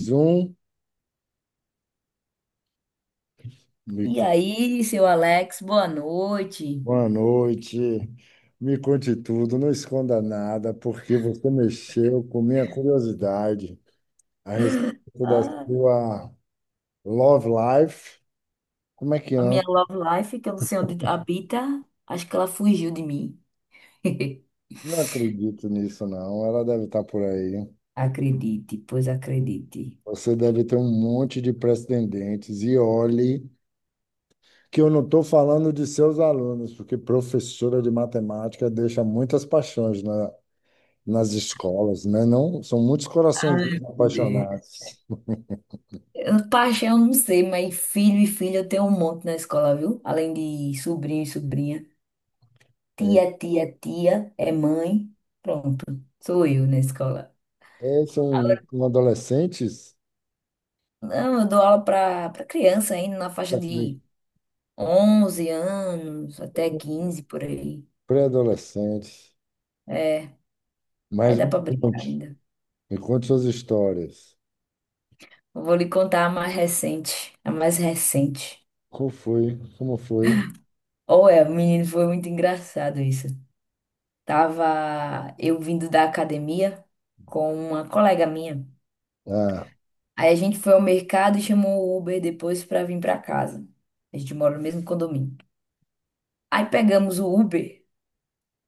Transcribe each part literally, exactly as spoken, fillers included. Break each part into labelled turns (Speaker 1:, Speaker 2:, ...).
Speaker 1: Zoom, me...
Speaker 2: E
Speaker 1: co-
Speaker 2: aí, seu Alex, boa noite.
Speaker 1: Boa noite. Me conte tudo, não esconda nada, porque você mexeu com minha curiosidade a respeito da
Speaker 2: Ah,
Speaker 1: sua love life. Como é que
Speaker 2: a minha
Speaker 1: anda?
Speaker 2: love life, que eu não sei onde habita, acho que ela fugiu de mim.
Speaker 1: Não acredito nisso, não. Ela deve estar por aí.
Speaker 2: Acredite, pois acredite.
Speaker 1: Você deve ter um monte de pretendentes. E olhe que eu não estou falando de seus alunos, porque professora de matemática deixa muitas paixões na- nas escolas, né? Não, são muitos corações
Speaker 2: Ai, meu Deus.
Speaker 1: apaixonados.
Speaker 2: Eu- Paixão, não sei, mas filho e filha eu tenho um monte na escola, viu? Além de sobrinho e sobrinha. Tia, tia, tia, é mãe. Pronto, sou eu na escola.
Speaker 1: É, são
Speaker 2: Agora,
Speaker 1: adolescentes,
Speaker 2: não, eu dou aula para criança ainda, na faixa de onze anos, até quinze por aí.
Speaker 1: pré-adolescentes.
Speaker 2: É, aí
Speaker 1: Mas
Speaker 2: dá
Speaker 1: me
Speaker 2: pra brincar
Speaker 1: conte,
Speaker 2: ainda.
Speaker 1: me conte suas histórias.
Speaker 2: Eu vou lhe contar a mais recente, a mais recente.
Speaker 1: Como foi? Como foi?
Speaker 2: Ou é, menino, foi muito engraçado isso. Tava eu vindo da academia com uma colega minha.
Speaker 1: Ah, ah,
Speaker 2: Aí a gente foi ao mercado e chamou o Uber depois pra vir pra casa. A gente mora no mesmo condomínio. Aí pegamos o Uber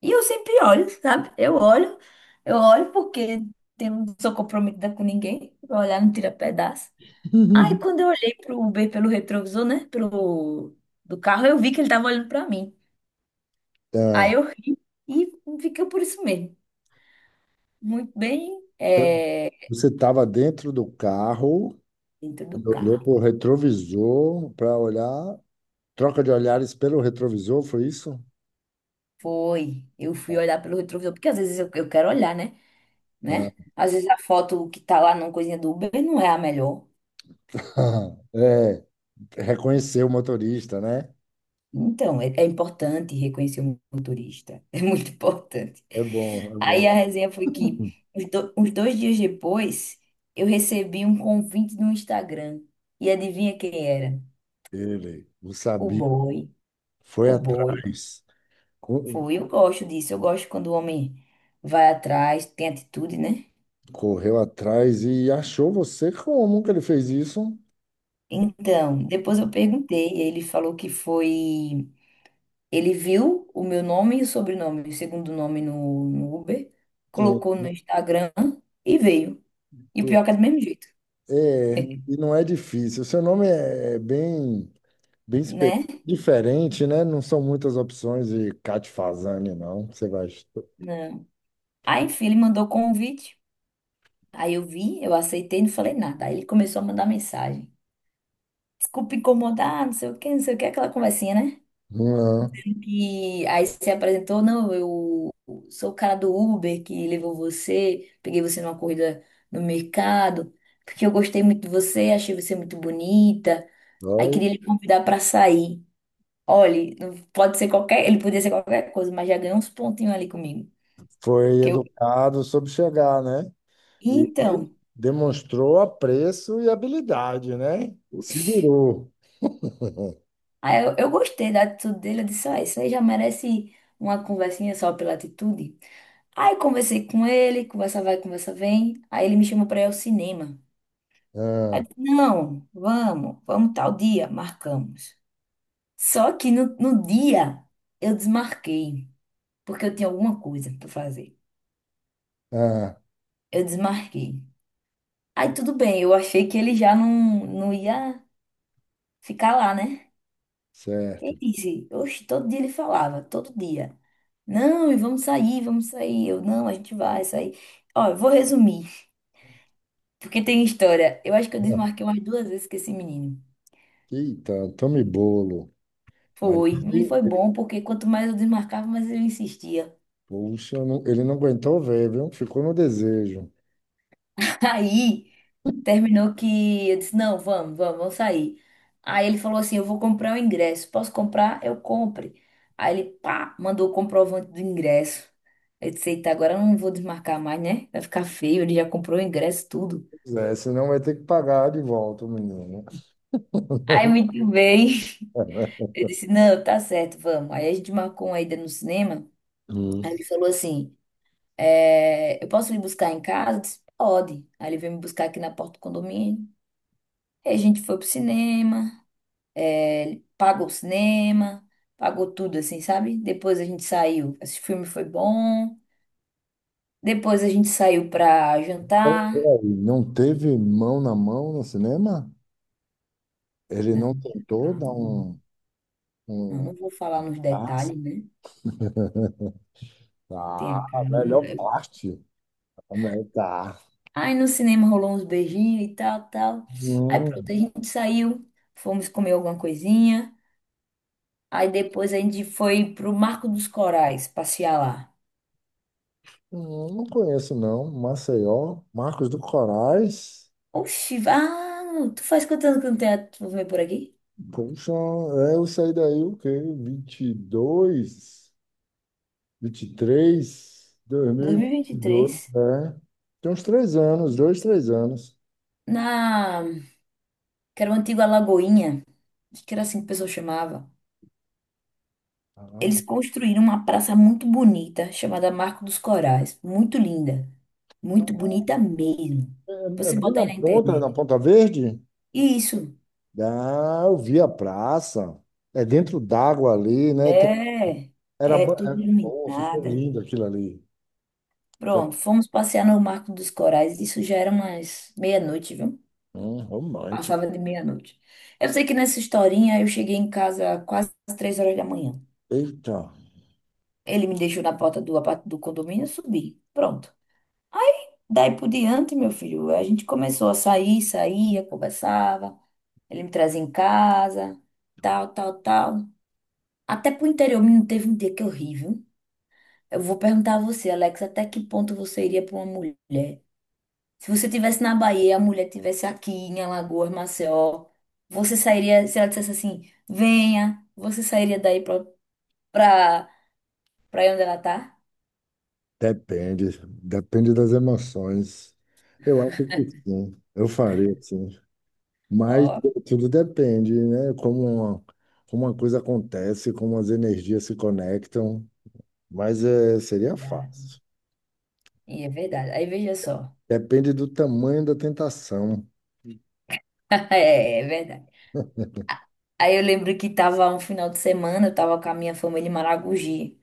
Speaker 2: e eu sempre olho, sabe? Eu olho, eu olho porque eu não sou comprometida com ninguém. Vou olhar, não tira pedaço. Aí quando eu olhei pro Uber pelo retrovisor, né, pro do carro, eu vi que ele tava olhando pra mim. Aí eu ri e fiquei por isso mesmo. Muito bem, é,
Speaker 1: você estava dentro do carro,
Speaker 2: dentro
Speaker 1: e
Speaker 2: do
Speaker 1: olhou
Speaker 2: carro.
Speaker 1: para o retrovisor para olhar, troca de olhares pelo retrovisor, foi isso?
Speaker 2: Foi. Eu fui olhar pelo retrovisor, porque às vezes eu, eu quero olhar, né?
Speaker 1: Ah,
Speaker 2: Né? Às vezes a foto que tá lá na coisinha do Uber não é a melhor.
Speaker 1: é, reconheceu o motorista, né?
Speaker 2: Então, é, é importante reconhecer o motorista. É muito importante.
Speaker 1: É bom, é
Speaker 2: Aí
Speaker 1: bom.
Speaker 2: a resenha foi que, os do- uns dois dias depois, eu recebi um convite no Instagram. E adivinha quem era?
Speaker 1: Ele, o
Speaker 2: O
Speaker 1: sabia,
Speaker 2: boy.
Speaker 1: foi
Speaker 2: O boy.
Speaker 1: atrás.
Speaker 2: Foi. Eu gosto disso. Eu gosto quando o homem vai atrás, tem atitude, né?
Speaker 1: Correu atrás e achou você. Como que ele fez isso?
Speaker 2: Então, depois eu perguntei. E Ele falou que foi. Ele viu o meu nome e o sobrenome, o segundo nome no, no Uber,
Speaker 1: É,
Speaker 2: colocou no Instagram e veio. E o pior é que é
Speaker 1: pro-
Speaker 2: do mesmo jeito,
Speaker 1: é, e não é difícil. Seu nome é é bem, bem espe-
Speaker 2: né?
Speaker 1: diferente, né? Não são muitas opções de Cat Fazani, não. Você vai.
Speaker 2: Não. Aí, enfim, ele mandou o convite. Aí eu vi, eu aceitei, não falei nada. Aí ele começou a mandar mensagem. Desculpa incomodar, não sei o quê, não sei o quê, aquela conversinha, né?
Speaker 1: Não.
Speaker 2: E aí se apresentou, não, eu sou o cara do Uber que levou você, peguei você numa corrida no mercado, porque eu gostei muito de você, achei você muito bonita. Aí
Speaker 1: Foi,
Speaker 2: queria lhe convidar pra sair. Olha, não- pode ser qualquer, ele podia ser qualquer coisa, mas já ganhou uns pontinhos ali comigo.
Speaker 1: foi
Speaker 2: Que eu,
Speaker 1: educado, soube chegar, né? E
Speaker 2: então,
Speaker 1: demonstrou apreço e habilidade, né? Se virou.
Speaker 2: Aí eu, eu gostei da atitude dele, eu disse, ó, isso aí já merece uma conversinha só pela atitude. Aí conversei com ele, conversa vai, conversa vem. Aí ele me chamou pra ir ao cinema. Aí eu
Speaker 1: Ah,
Speaker 2: disse, não, vamos, vamos tal dia, marcamos. Só que no, no dia eu desmarquei, porque eu tinha alguma coisa pra fazer.
Speaker 1: ah,
Speaker 2: Eu desmarquei. Aí tudo bem, eu achei que ele já não, não ia ficar lá, né?
Speaker 1: certo.
Speaker 2: Ele disse, oxe, todo dia ele falava, todo dia. Não, e vamos sair, vamos sair. Eu, não, a gente vai sair. Ó, eu vou resumir, porque tem história. Eu acho que eu
Speaker 1: Ah,
Speaker 2: desmarquei umas duas vezes com esse menino.
Speaker 1: eita, tome bolo. Mas
Speaker 2: Foi, mas foi bom, porque quanto mais eu desmarcava, mais ele insistia.
Speaker 1: puxa, não- ele não aguentou ver, viu? Ficou no desejo.
Speaker 2: Aí. Terminou que eu disse, não, vamos, vamos, vamos sair. Aí ele falou assim, eu vou comprar o ingresso. Posso comprar? Eu compre. Aí ele, pá, mandou o comprovante do ingresso. Eu disse, eita, agora eu não vou desmarcar mais, né? Vai ficar feio, ele já comprou o ingresso, tudo.
Speaker 1: Pois é, senão vai ter que pagar de volta o menino.
Speaker 2: Aí, muito bem. Eu disse, não, tá certo, vamos. Aí a gente marcou uma ida no cinema.
Speaker 1: Hum.
Speaker 2: Aí ele falou assim, é, eu posso lhe buscar em casa? Eu disse, pode. Aí ele veio me buscar aqui na porta do condomínio. Aí a gente foi pro cinema. Ele pagou o cinema, pagou tudo, assim, sabe? Depois a gente saiu. Esse filme foi bom. Depois a gente saiu pra
Speaker 1: Pera-
Speaker 2: jantar.
Speaker 1: peraí, não teve mão na mão no cinema? Ele não
Speaker 2: Não,
Speaker 1: tentou dar
Speaker 2: calma.
Speaker 1: um...
Speaker 2: Eu
Speaker 1: um...
Speaker 2: não vou falar nos
Speaker 1: Ah,
Speaker 2: detalhes, né?
Speaker 1: tá,
Speaker 2: Tem a
Speaker 1: a melhor
Speaker 2: câmera.
Speaker 1: parte. A melhor- Tá.
Speaker 2: Aí no cinema rolou uns beijinhos e tal, tal. Aí pronto, a
Speaker 1: Hum,
Speaker 2: gente saiu, fomos comer alguma coisinha. Aí depois a gente foi pro Marco dos Corais passear lá.
Speaker 1: hum, não conheço, não. Maceió, Marcos do Corais.
Speaker 2: Oxi, ah, tu faz quantos anos que não tem a- tu vem por aqui?
Speaker 1: Puxa, é, eu saí daí o quê? Vinte e dois. Vinte vinte e três Dois mil e vinte e dois.
Speaker 2: dois mil e vinte e três.
Speaker 1: É. Tem uns três anos, dois, três anos.
Speaker 2: Na que era uma antiga Lagoinha, acho que era assim que o pessoal chamava.
Speaker 1: Ah,
Speaker 2: Eles construíram uma praça muito bonita, chamada Marco dos Corais. Muito linda. Muito bonita mesmo.
Speaker 1: é, é
Speaker 2: Você
Speaker 1: bem
Speaker 2: bota
Speaker 1: na
Speaker 2: aí na
Speaker 1: ponta, na
Speaker 2: internet.
Speaker 1: Ponta Verde?
Speaker 2: Isso.
Speaker 1: Ah, eu vi a praça. É dentro d'água ali, né? Tem-
Speaker 2: É.
Speaker 1: Era,
Speaker 2: É
Speaker 1: bo-
Speaker 2: tudo
Speaker 1: era bom, ficou
Speaker 2: iluminada.
Speaker 1: lindo aquilo ali. Foi-
Speaker 2: Pronto, fomos passear no Marco dos Corais. Isso já era umas meia-noite, viu?
Speaker 1: Hum, romântico.
Speaker 2: Passava de meia-noite. Eu sei que nessa historinha eu cheguei em casa quase às três horas da manhã.
Speaker 1: Eita.
Speaker 2: Ele me deixou na porta do apart- do condomínio e subi. Pronto. Daí por diante, meu filho, a gente começou a sair, saía, conversava. Ele me trazia em casa, tal, tal, tal. Até pro interior, menino, teve um dia que eu ri, viu? Eu vou perguntar a você, Alex, até que ponto você iria pra uma mulher? Se você tivesse na Bahia, a mulher tivesse aqui em Alagoas, Maceió, você sairia, se ela dissesse assim, venha, você sairia daí pra, pra, pra aí onde ela tá?
Speaker 1: Depende, depende das emoções. Eu acho que sim, eu faria sim. Mas
Speaker 2: Ó,
Speaker 1: tudo depende, né? Como, como uma coisa acontece, como as energias se conectam. Mas é,
Speaker 2: é
Speaker 1: seria
Speaker 2: verdade.
Speaker 1: fácil.
Speaker 2: E é verdade. Aí veja só.
Speaker 1: Depende do tamanho da tentação.
Speaker 2: É, é verdade. Aí eu lembro que tava um final de semana, eu tava com a minha família em Maragogi.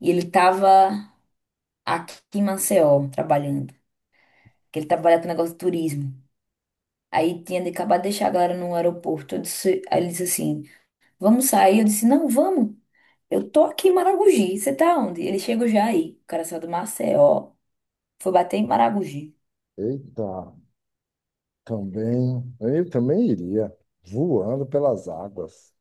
Speaker 2: E ele tava aqui em Maceió, trabalhando. Que ele trabalha com negócio de turismo. Aí tinha de acabar de deixar a galera no aeroporto. Eu disse- aí ele disse assim: vamos sair? Eu disse: não, vamos. Eu tô aqui em Maragogi. Você tá onde? Ele chegou já aí. O cara saiu do Maceió, foi bater em Maragogi.
Speaker 1: Eita, também. Eu também iria. Voando pelas águas.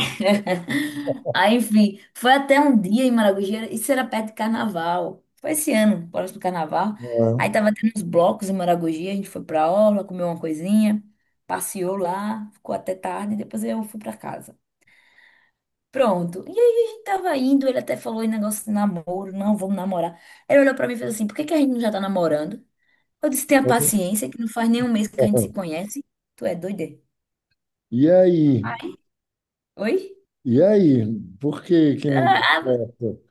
Speaker 2: Aí, enfim, foi até um dia em Maragogi, isso era perto de carnaval. Foi esse ano, próximo carnaval. Aí
Speaker 1: É.
Speaker 2: tava tendo uns blocos em Maragogi, a gente foi pra orla, comeu uma coisinha, passeou lá, ficou até tarde, depois eu fui pra casa. Pronto. E aí a gente tava indo, ele até falou em negócio de namoro, não, vamos namorar. Ele olhou pra mim e fez assim: por que que a gente não já tá namorando? Eu disse: tenha paciência, que não faz nem um mês que a gente se conhece. Tu é doida?
Speaker 1: E aí?
Speaker 2: Oi?
Speaker 1: E aí? Por que que não deu certo?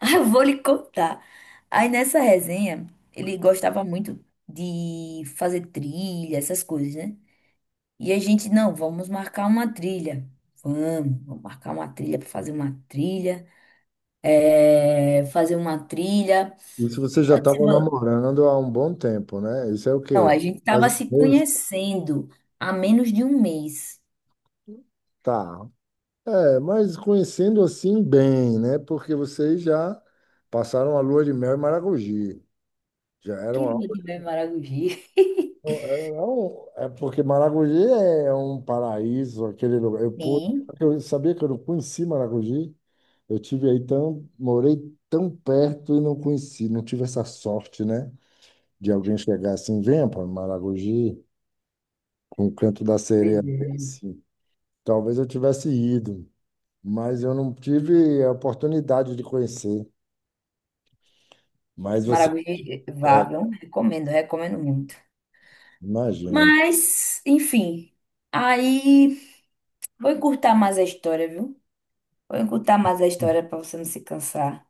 Speaker 2: Ah, eu vou lhe contar. Aí nessa resenha, ele gostava muito de fazer trilha, essas coisas, né? E a gente, não, vamos marcar uma trilha. Vamos, vamos marcar uma trilha para fazer uma trilha. É, fazer uma trilha.
Speaker 1: Isso você já
Speaker 2: Eu disse,
Speaker 1: estava
Speaker 2: "vamos."
Speaker 1: namorando há um bom tempo, né? Isso é o
Speaker 2: Não,
Speaker 1: quê?
Speaker 2: a gente
Speaker 1: Mais
Speaker 2: tava
Speaker 1: uma
Speaker 2: se
Speaker 1: vez?
Speaker 2: conhecendo há menos de um mês.
Speaker 1: Tá. É, mas conhecendo assim bem, né? Porque vocês já passaram a lua de mel em Maragogi. Já
Speaker 2: Que
Speaker 1: eram algo.
Speaker 2: lua de mel em Maragogi.
Speaker 1: É, é porque Maragogi é um paraíso, aquele lugar. Eu, pude-
Speaker 2: Sim,
Speaker 1: eu sabia que eu não conheci Maragogi. Eu tive aí tão, morei tão perto e não conheci, não tive essa sorte, né? De alguém chegar assim, venha para Maragogi, com o canto da sereia
Speaker 2: pois é.
Speaker 1: desse. Talvez eu tivesse ido, mas eu não tive a oportunidade de conhecer. Mas você,
Speaker 2: Maragogi, eh, vá,
Speaker 1: é,
Speaker 2: viu? Recomendo, recomendo muito.
Speaker 1: imagina,
Speaker 2: Mas, enfim. Aí, vou encurtar mais a história, viu? Vou encurtar mais a história pra você não se cansar.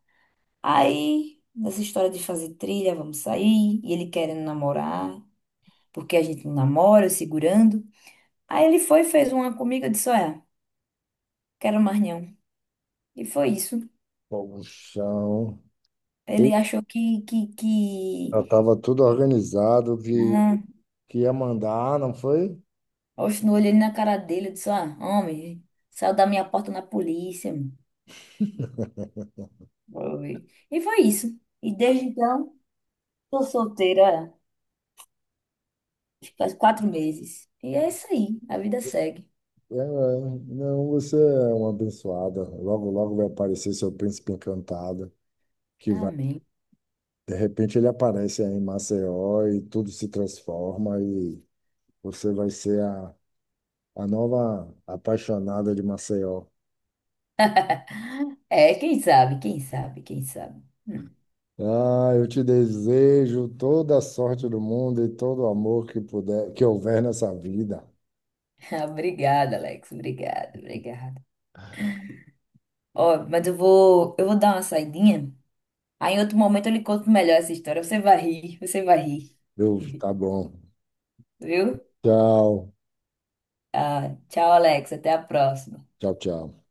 Speaker 2: Aí, nessa história de fazer trilha, vamos sair. E ele querendo namorar, porque a gente não namora, eu segurando. Aí ele foi, fez uma comigo, eu disse, olha, quero mais não. E foi isso.
Speaker 1: o chão. E
Speaker 2: Ele achou que, que,
Speaker 1: já
Speaker 2: que...
Speaker 1: estava tudo organizado que,
Speaker 2: Não.
Speaker 1: que ia mandar, não foi?
Speaker 2: Oxe, no olho ele na cara dele, eu disse, ah, homem, saiu da minha porta na polícia. Mano." Foi. E foi isso. E desde então tô solteira faz quatro meses. E é isso aí, a vida segue.
Speaker 1: É, é. Não, você é uma abençoada. Logo, logo vai aparecer seu príncipe encantado, que vai,
Speaker 2: Amém.
Speaker 1: de repente ele aparece aí em Maceió e tudo se transforma e você vai ser a, a nova apaixonada de Maceió.
Speaker 2: É, quem sabe, quem sabe, quem sabe. Hum.
Speaker 1: Ah, eu te desejo toda a sorte do mundo e todo o amor que puder, que houver nessa vida.
Speaker 2: Obrigada, Alex. Obrigada, obrigada. Ó, mas eu vou, eu vou dar uma saidinha. Aí em outro momento eu lhe conto melhor essa história. Você vai rir, você vai rir.
Speaker 1: Eu, tá bom.
Speaker 2: Viu?
Speaker 1: Tchau,
Speaker 2: Ah, tchau, Alex. Até a próxima.
Speaker 1: tchau, tchau.